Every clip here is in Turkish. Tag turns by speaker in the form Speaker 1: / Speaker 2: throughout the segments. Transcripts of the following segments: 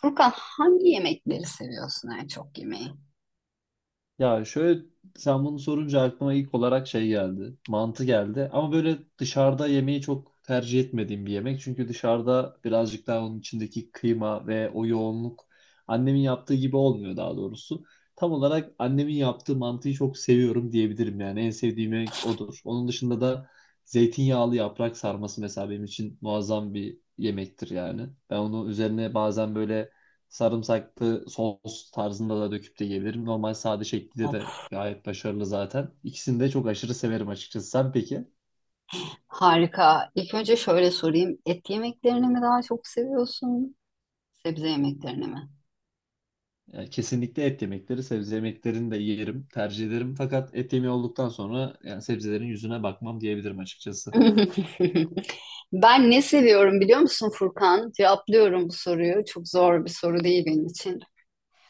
Speaker 1: Furkan, hangi yemekleri seviyorsun, en çok yemeği?
Speaker 2: Ya, şöyle, sen bunu sorunca aklıma ilk olarak şey geldi. Mantı geldi. Ama böyle dışarıda yemeği çok tercih etmediğim bir yemek. Çünkü dışarıda birazcık daha onun içindeki kıyma ve o yoğunluk annemin yaptığı gibi olmuyor, daha doğrusu. Tam olarak annemin yaptığı mantıyı çok seviyorum diyebilirim yani. En sevdiğim yemek odur. Onun dışında da zeytinyağlı yaprak sarması mesela benim için muazzam bir yemektir yani. Ben onu üzerine bazen böyle sarımsaklı sos tarzında da döküp de yiyebilirim. Normal sade şekilde de
Speaker 1: Of,
Speaker 2: gayet başarılı zaten. İkisini de çok aşırı severim açıkçası. Sen peki?
Speaker 1: harika. İlk önce şöyle sorayım. Et yemeklerini mi daha çok seviyorsun? Sebze yemeklerini mi?
Speaker 2: Yani kesinlikle et yemekleri, sebze yemeklerini de yerim, tercih ederim. Fakat et yemeği olduktan sonra yani sebzelerin yüzüne bakmam diyebilirim açıkçası.
Speaker 1: Ben ne seviyorum biliyor musun Furkan? Cevaplıyorum bu soruyu. Çok zor bir soru değil benim için.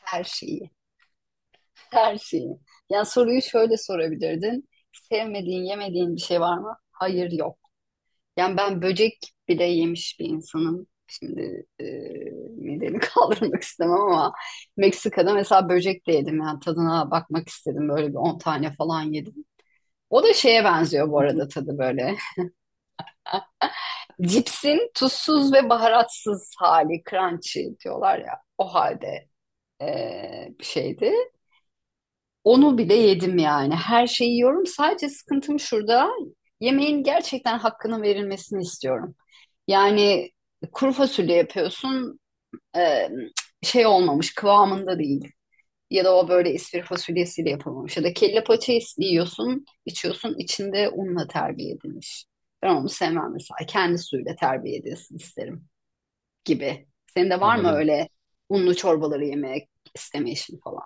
Speaker 1: Her şeyi. Her şeyi. Yani soruyu şöyle sorabilirdin. Sevmediğin, yemediğin bir şey var mı? Hayır, yok. Yani ben böcek bile yemiş bir insanım. Şimdi midemi kaldırmak istemem ama Meksika'da mesela böcek de yedim. Yani tadına bakmak istedim. Böyle bir 10 tane falan yedim. O da şeye benziyor bu arada tadı böyle. Cipsin tuzsuz ve baharatsız hali, crunchy diyorlar ya. O halde bir şeydi. Onu bile yedim yani. Her şeyi yiyorum. Sadece sıkıntım şurada. Yemeğin gerçekten hakkının verilmesini istiyorum. Yani kuru fasulye yapıyorsun, e, şey olmamış kıvamında değil. Ya da o böyle ispir fasulyesiyle yapılmamış. Ya da kelle paça yiyorsun, içiyorsun, içinde unla terbiye edilmiş. Ben onu sevmem mesela. Kendi suyuyla terbiye edilsin isterim gibi. Senin de var mı
Speaker 2: Anladım.
Speaker 1: öyle unlu çorbaları yemek istemeyişin falan?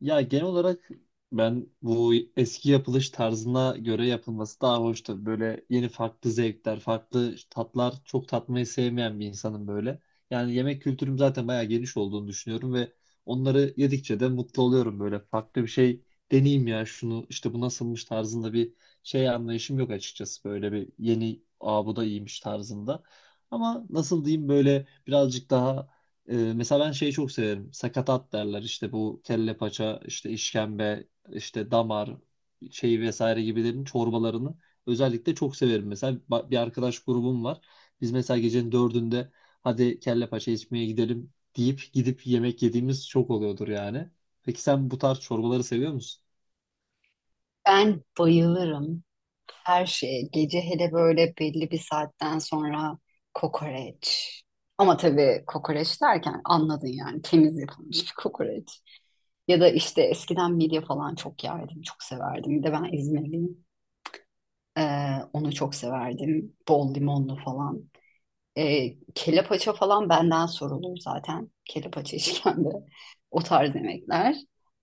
Speaker 2: Ya, genel olarak ben bu eski yapılış tarzına göre yapılması daha hoş tabii. Böyle yeni farklı zevkler, farklı tatlar çok tatmayı sevmeyen bir insanım böyle. Yani yemek kültürüm zaten bayağı geniş olduğunu düşünüyorum ve onları yedikçe de mutlu oluyorum böyle. Farklı bir şey deneyeyim, ya şunu işte bu nasılmış tarzında bir şey anlayışım yok açıkçası. Böyle bir yeni, aa, bu da iyiymiş tarzında. Ama nasıl diyeyim, böyle birazcık daha mesela ben şeyi çok severim. Sakatat derler. İşte bu kelle paça, işte işkembe, işte damar şeyi vesaire gibilerin çorbalarını özellikle çok severim. Mesela bir arkadaş grubum var. Biz mesela gecenin 4'ünde, hadi kelle paça içmeye gidelim deyip gidip yemek yediğimiz çok oluyordur yani. Peki sen bu tarz çorbaları seviyor musun?
Speaker 1: Ben bayılırım. Her şey. Gece hele böyle belli bir saatten sonra kokoreç. Ama tabii kokoreç derken anladın, yani temiz yapılmış bir kokoreç. Ya da işte eskiden midye falan çok yerdim, çok severdim. Bir de ben İzmirliyim. Ee, Onu çok severdim. Bol limonlu falan. Kelle paça falan benden sorulur zaten. Kelle paça işkembe. O tarz yemekler.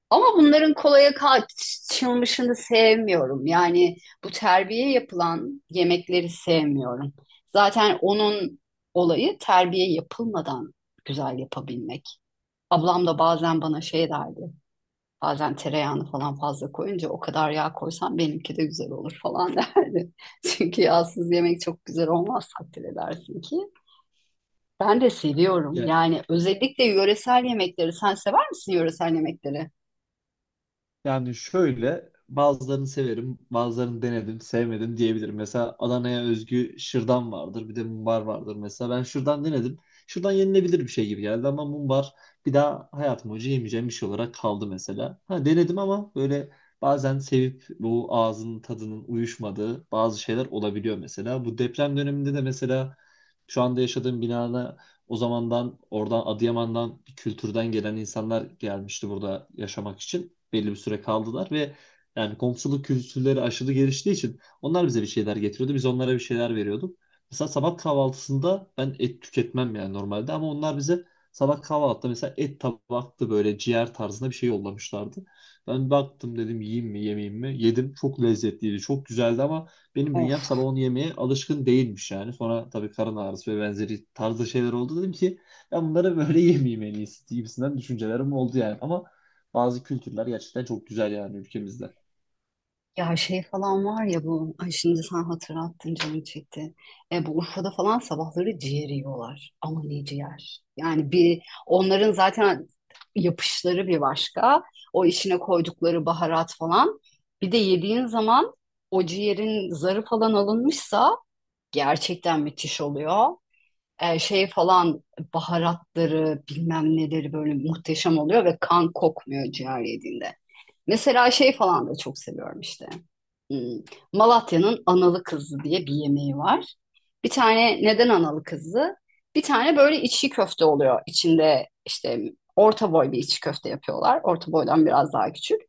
Speaker 1: Ama bunların kolaya kaçılmışını sevmiyorum. Yani bu terbiye yapılan yemekleri sevmiyorum. Zaten onun olayı terbiye yapılmadan güzel yapabilmek. Ablam da bazen bana şey derdi. Bazen tereyağını falan fazla koyunca, o kadar yağ koysam benimki de güzel olur falan derdi. Çünkü yağsız yemek çok güzel olmaz, takdir edersin ki. Ben de seviyorum.
Speaker 2: Ya,
Speaker 1: Yani özellikle yöresel yemekleri. Sen sever misin yöresel yemekleri?
Speaker 2: yani şöyle, bazılarını severim, bazılarını denedim, sevmedim diyebilirim. Mesela Adana'ya özgü şırdan vardır, bir de mumbar vardır mesela. Ben şırdan denedim. Şırdan yenilebilir bir şey gibi geldi ama mumbar bir daha hayatım boyunca yemeyeceğim bir şey olarak kaldı mesela. Ha, denedim ama böyle bazen sevip bu ağzının tadının uyuşmadığı bazı şeyler olabiliyor mesela. Bu deprem döneminde de mesela şu anda yaşadığım binada o zamandan oradan Adıyaman'dan bir kültürden gelen insanlar gelmişti burada yaşamak için. Belli bir süre kaldılar ve yani komşuluk kültürleri aşırı geliştiği için onlar bize bir şeyler getiriyordu. Biz onlara bir şeyler veriyorduk. Mesela sabah kahvaltısında ben et tüketmem yani normalde, ama onlar bize sabah kahvaltıda mesela et tabaktı, böyle ciğer tarzında bir şey yollamışlardı. Ben baktım, dedim yiyeyim mi, yemeyeyim mi? Yedim, çok lezzetliydi, çok güzeldi ama benim
Speaker 1: Of.
Speaker 2: bünyem sabah onu yemeye alışkın değilmiş yani. Sonra tabii karın ağrısı ve benzeri tarzda şeyler oldu, dedim ki ben bunları böyle yemeyeyim en iyisi gibisinden düşüncelerim oldu yani. Ama bazı kültürler gerçekten çok güzel yani ülkemizde.
Speaker 1: Ya şey falan var ya bu, ay şimdi sen hatırlattın, canım çekti. Bu Urfa'da falan sabahları ciğer yiyorlar. Ama ne ciğer? Yani bir onların zaten yapışları bir başka. O işine koydukları baharat falan. Bir de yediğin zaman o ciğerin zarı falan alınmışsa gerçekten müthiş oluyor. Şey falan, baharatları bilmem neleri böyle muhteşem oluyor ve kan kokmuyor ciğer yediğinde. Mesela şey falan da çok seviyorum işte. Hmm, Malatya'nın analı kızı diye bir yemeği var. Bir tane neden analı kızı? Bir tane böyle içli köfte oluyor. İçinde işte orta boy bir içli köfte yapıyorlar. Orta boydan biraz daha küçük.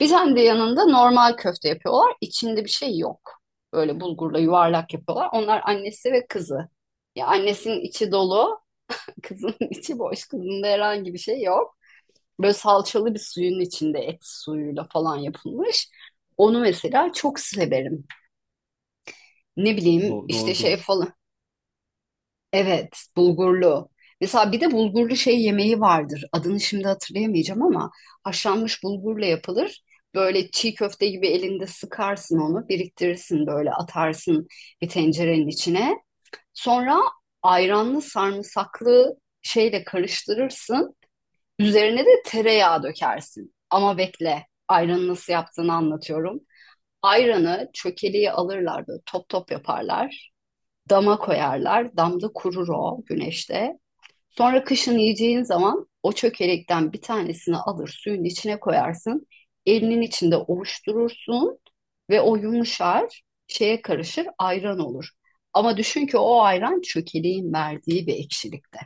Speaker 1: Bir tane de yanında normal köfte yapıyorlar. İçinde bir şey yok. Böyle bulgurla yuvarlak yapıyorlar. Onlar annesi ve kızı. Ya annesinin içi dolu, kızın içi boş. Kızında herhangi bir şey yok. Böyle salçalı bir suyun içinde et suyuyla falan yapılmış. Onu mesela çok severim. Ne bileyim işte şey
Speaker 2: Doğrudur.
Speaker 1: falan. Evet, bulgurlu. Mesela bir de bulgurlu şey yemeği vardır. Adını şimdi hatırlayamayacağım ama haşlanmış bulgurla yapılır. Böyle çiğ köfte gibi elinde sıkarsın onu, biriktirirsin böyle, atarsın bir tencerenin içine. Sonra ayranlı sarımsaklı şeyle karıştırırsın. Üzerine de tereyağı dökersin. Ama bekle, ayranı nasıl yaptığını anlatıyorum. Ayranı çökeliği alırlar, böyle top top yaparlar. Dama koyarlar. Damda kurur o güneşte. Sonra kışın yiyeceğin zaman o çökelekten bir tanesini alır, suyun içine koyarsın. Elinin içinde ovuşturursun ve o yumuşar, şeye karışır, ayran olur. Ama düşün ki o ayran çökeleğin verdiği bir ekşilikte.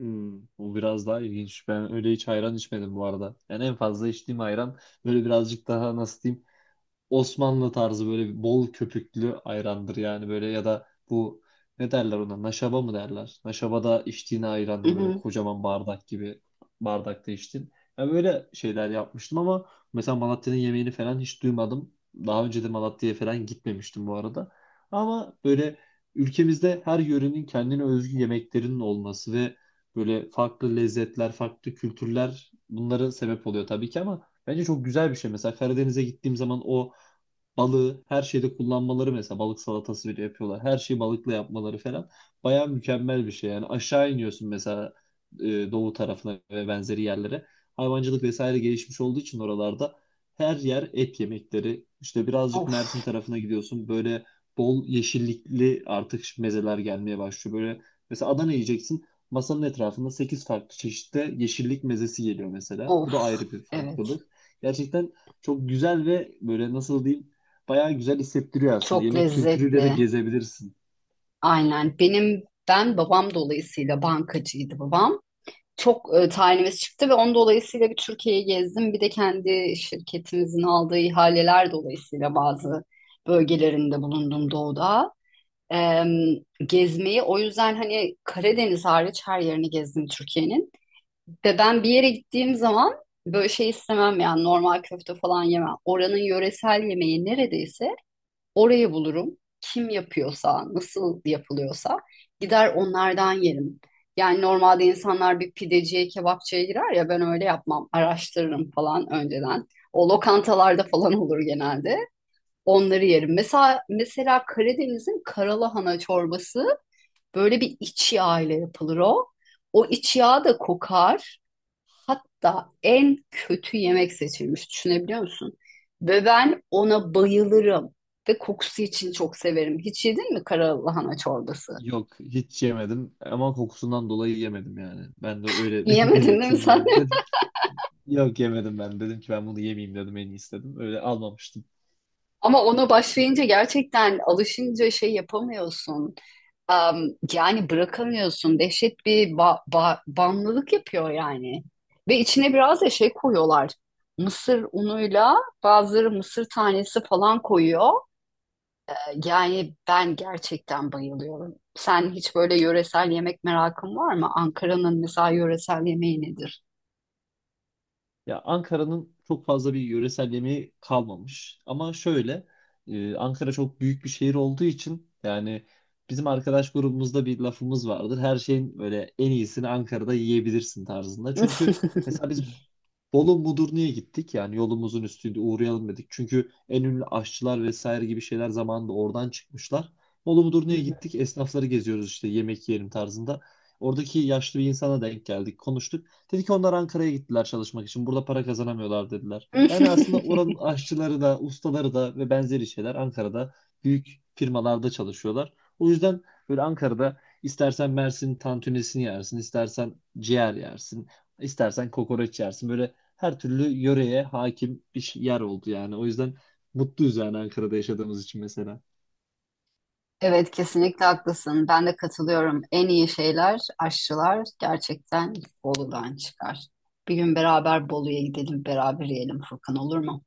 Speaker 2: Hmm, bu biraz daha ilginç. Ben öyle hiç ayran içmedim bu arada. Yani en fazla içtiğim ayran böyle birazcık daha nasıl diyeyim, Osmanlı tarzı böyle bol köpüklü ayrandır yani, böyle, ya da bu ne derler ona, naşaba mı derler? Naşaba da içtiğin
Speaker 1: Hı
Speaker 2: ayrandır, böyle
Speaker 1: hı.
Speaker 2: kocaman bardak gibi bardakta içtin. Ya böyle şeyler yapmıştım ama mesela Malatya'nın yemeğini falan hiç duymadım. Daha önce de Malatya'ya falan gitmemiştim bu arada. Ama böyle ülkemizde her yörenin kendine özgü yemeklerinin olması ve böyle farklı lezzetler, farklı kültürler bunların sebep oluyor tabii ki, ama bence çok güzel bir şey. Mesela Karadeniz'e gittiğim zaman o balığı her şeyde kullanmaları, mesela balık salatası bile yapıyorlar. Her şeyi balıkla yapmaları falan bayağı mükemmel bir şey. Yani aşağı iniyorsun mesela, e, doğu tarafına ve benzeri yerlere. Hayvancılık vesaire gelişmiş olduğu için oralarda her yer et yemekleri. İşte birazcık Mersin
Speaker 1: Of,
Speaker 2: tarafına gidiyorsun. Böyle bol yeşillikli artık mezeler gelmeye başlıyor. Böyle mesela Adana yiyeceksin. Masanın etrafında 8 farklı çeşitte yeşillik mezesi geliyor mesela. Bu da
Speaker 1: of,
Speaker 2: ayrı bir
Speaker 1: evet.
Speaker 2: farklılık. Gerçekten çok güzel ve böyle nasıl diyeyim, bayağı güzel hissettiriyor aslında.
Speaker 1: Çok
Speaker 2: Yemek kültürüyle de
Speaker 1: lezzetli.
Speaker 2: gezebilirsin.
Speaker 1: Aynen. Benim babam dolayısıyla, bankacıydı babam. Çok tayinimiz çıktı ve onun dolayısıyla bir Türkiye'yi gezdim. Bir de kendi şirketimizin aldığı ihaleler dolayısıyla bazı bölgelerinde bulundum doğuda. Em, Gezmeyi o yüzden, hani Karadeniz hariç her yerini gezdim Türkiye'nin. Ve ben bir yere gittiğim zaman böyle şey istemem, yani normal köfte falan yemem. Oranın yöresel yemeği neredeyse, orayı bulurum. Kim yapıyorsa, nasıl yapılıyorsa gider onlardan yerim. Yani normalde insanlar bir pideciye, kebapçıya girer ya, ben öyle yapmam. Araştırırım falan önceden. O lokantalarda falan olur genelde. Onları yerim. Mesela Karadeniz'in karalahana çorbası, böyle bir iç yağ ile yapılır o. O iç yağ da kokar. Hatta en kötü yemek seçilmiş. Düşünebiliyor musun? Ve ben ona bayılırım. Ve kokusu için çok severim. Hiç yedin mi kara lahana çorbası?
Speaker 2: Yok, hiç yemedim ama kokusundan dolayı yemedim yani. Ben de öyle
Speaker 1: Yemedin değil mi
Speaker 2: belirteyim
Speaker 1: sen?
Speaker 2: yani, dedim. Yok, yemedim, ben dedim ki ben bunu yemeyeyim dedim en iyisi dedim. Öyle almamıştım.
Speaker 1: Ama ona başlayınca, gerçekten alışınca şey yapamıyorsun. Am, Yani bırakamıyorsun. Dehşet bir bağımlılık yapıyor yani. Ve içine biraz da şey koyuyorlar. Mısır unuyla, bazıları mısır tanesi falan koyuyor. Yani ben gerçekten bayılıyorum. Sen hiç böyle yöresel yemek merakın var mı? Ankara'nın mesela yöresel yemeği nedir?
Speaker 2: Ya, Ankara'nın çok fazla bir yöresel yemeği kalmamış. Ama şöyle, Ankara çok büyük bir şehir olduğu için yani bizim arkadaş grubumuzda bir lafımız vardır. Her şeyin böyle en iyisini Ankara'da yiyebilirsin tarzında. Çünkü mesela biz Bolu Mudurnu'ya gittik. Yani yolumuzun üstünde uğrayalım dedik. Çünkü en ünlü aşçılar vesaire gibi şeyler zamanında oradan çıkmışlar. Bolu Mudurnu'ya gittik. Esnafları geziyoruz işte, yemek yiyelim tarzında. Oradaki yaşlı bir insana denk geldik, konuştuk. Dedi ki onlar Ankara'ya gittiler çalışmak için. Burada para kazanamıyorlar dediler. Yani aslında oranın aşçıları da, ustaları da ve benzeri şeyler Ankara'da büyük firmalarda çalışıyorlar. O yüzden böyle Ankara'da istersen Mersin tantunisini yersin, istersen ciğer yersin, istersen kokoreç yersin. Böyle her türlü yöreye hakim bir yer oldu yani. O yüzden mutluyuz yani Ankara'da yaşadığımız için mesela.
Speaker 1: Evet, kesinlikle haklısın. Ben de katılıyorum. En iyi şeyler, aşçılar gerçekten Bolu'dan çıkar. Bir gün beraber Bolu'ya gidelim, beraber yiyelim Furkan, olur mu?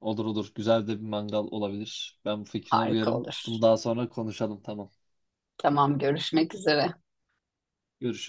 Speaker 2: Olur olur. Güzel de bir mangal olabilir. Ben bu fikrine
Speaker 1: Harika
Speaker 2: uyarım.
Speaker 1: olur.
Speaker 2: Bunu daha sonra konuşalım. Tamam.
Speaker 1: Tamam, görüşmek üzere.
Speaker 2: Görüşürüz.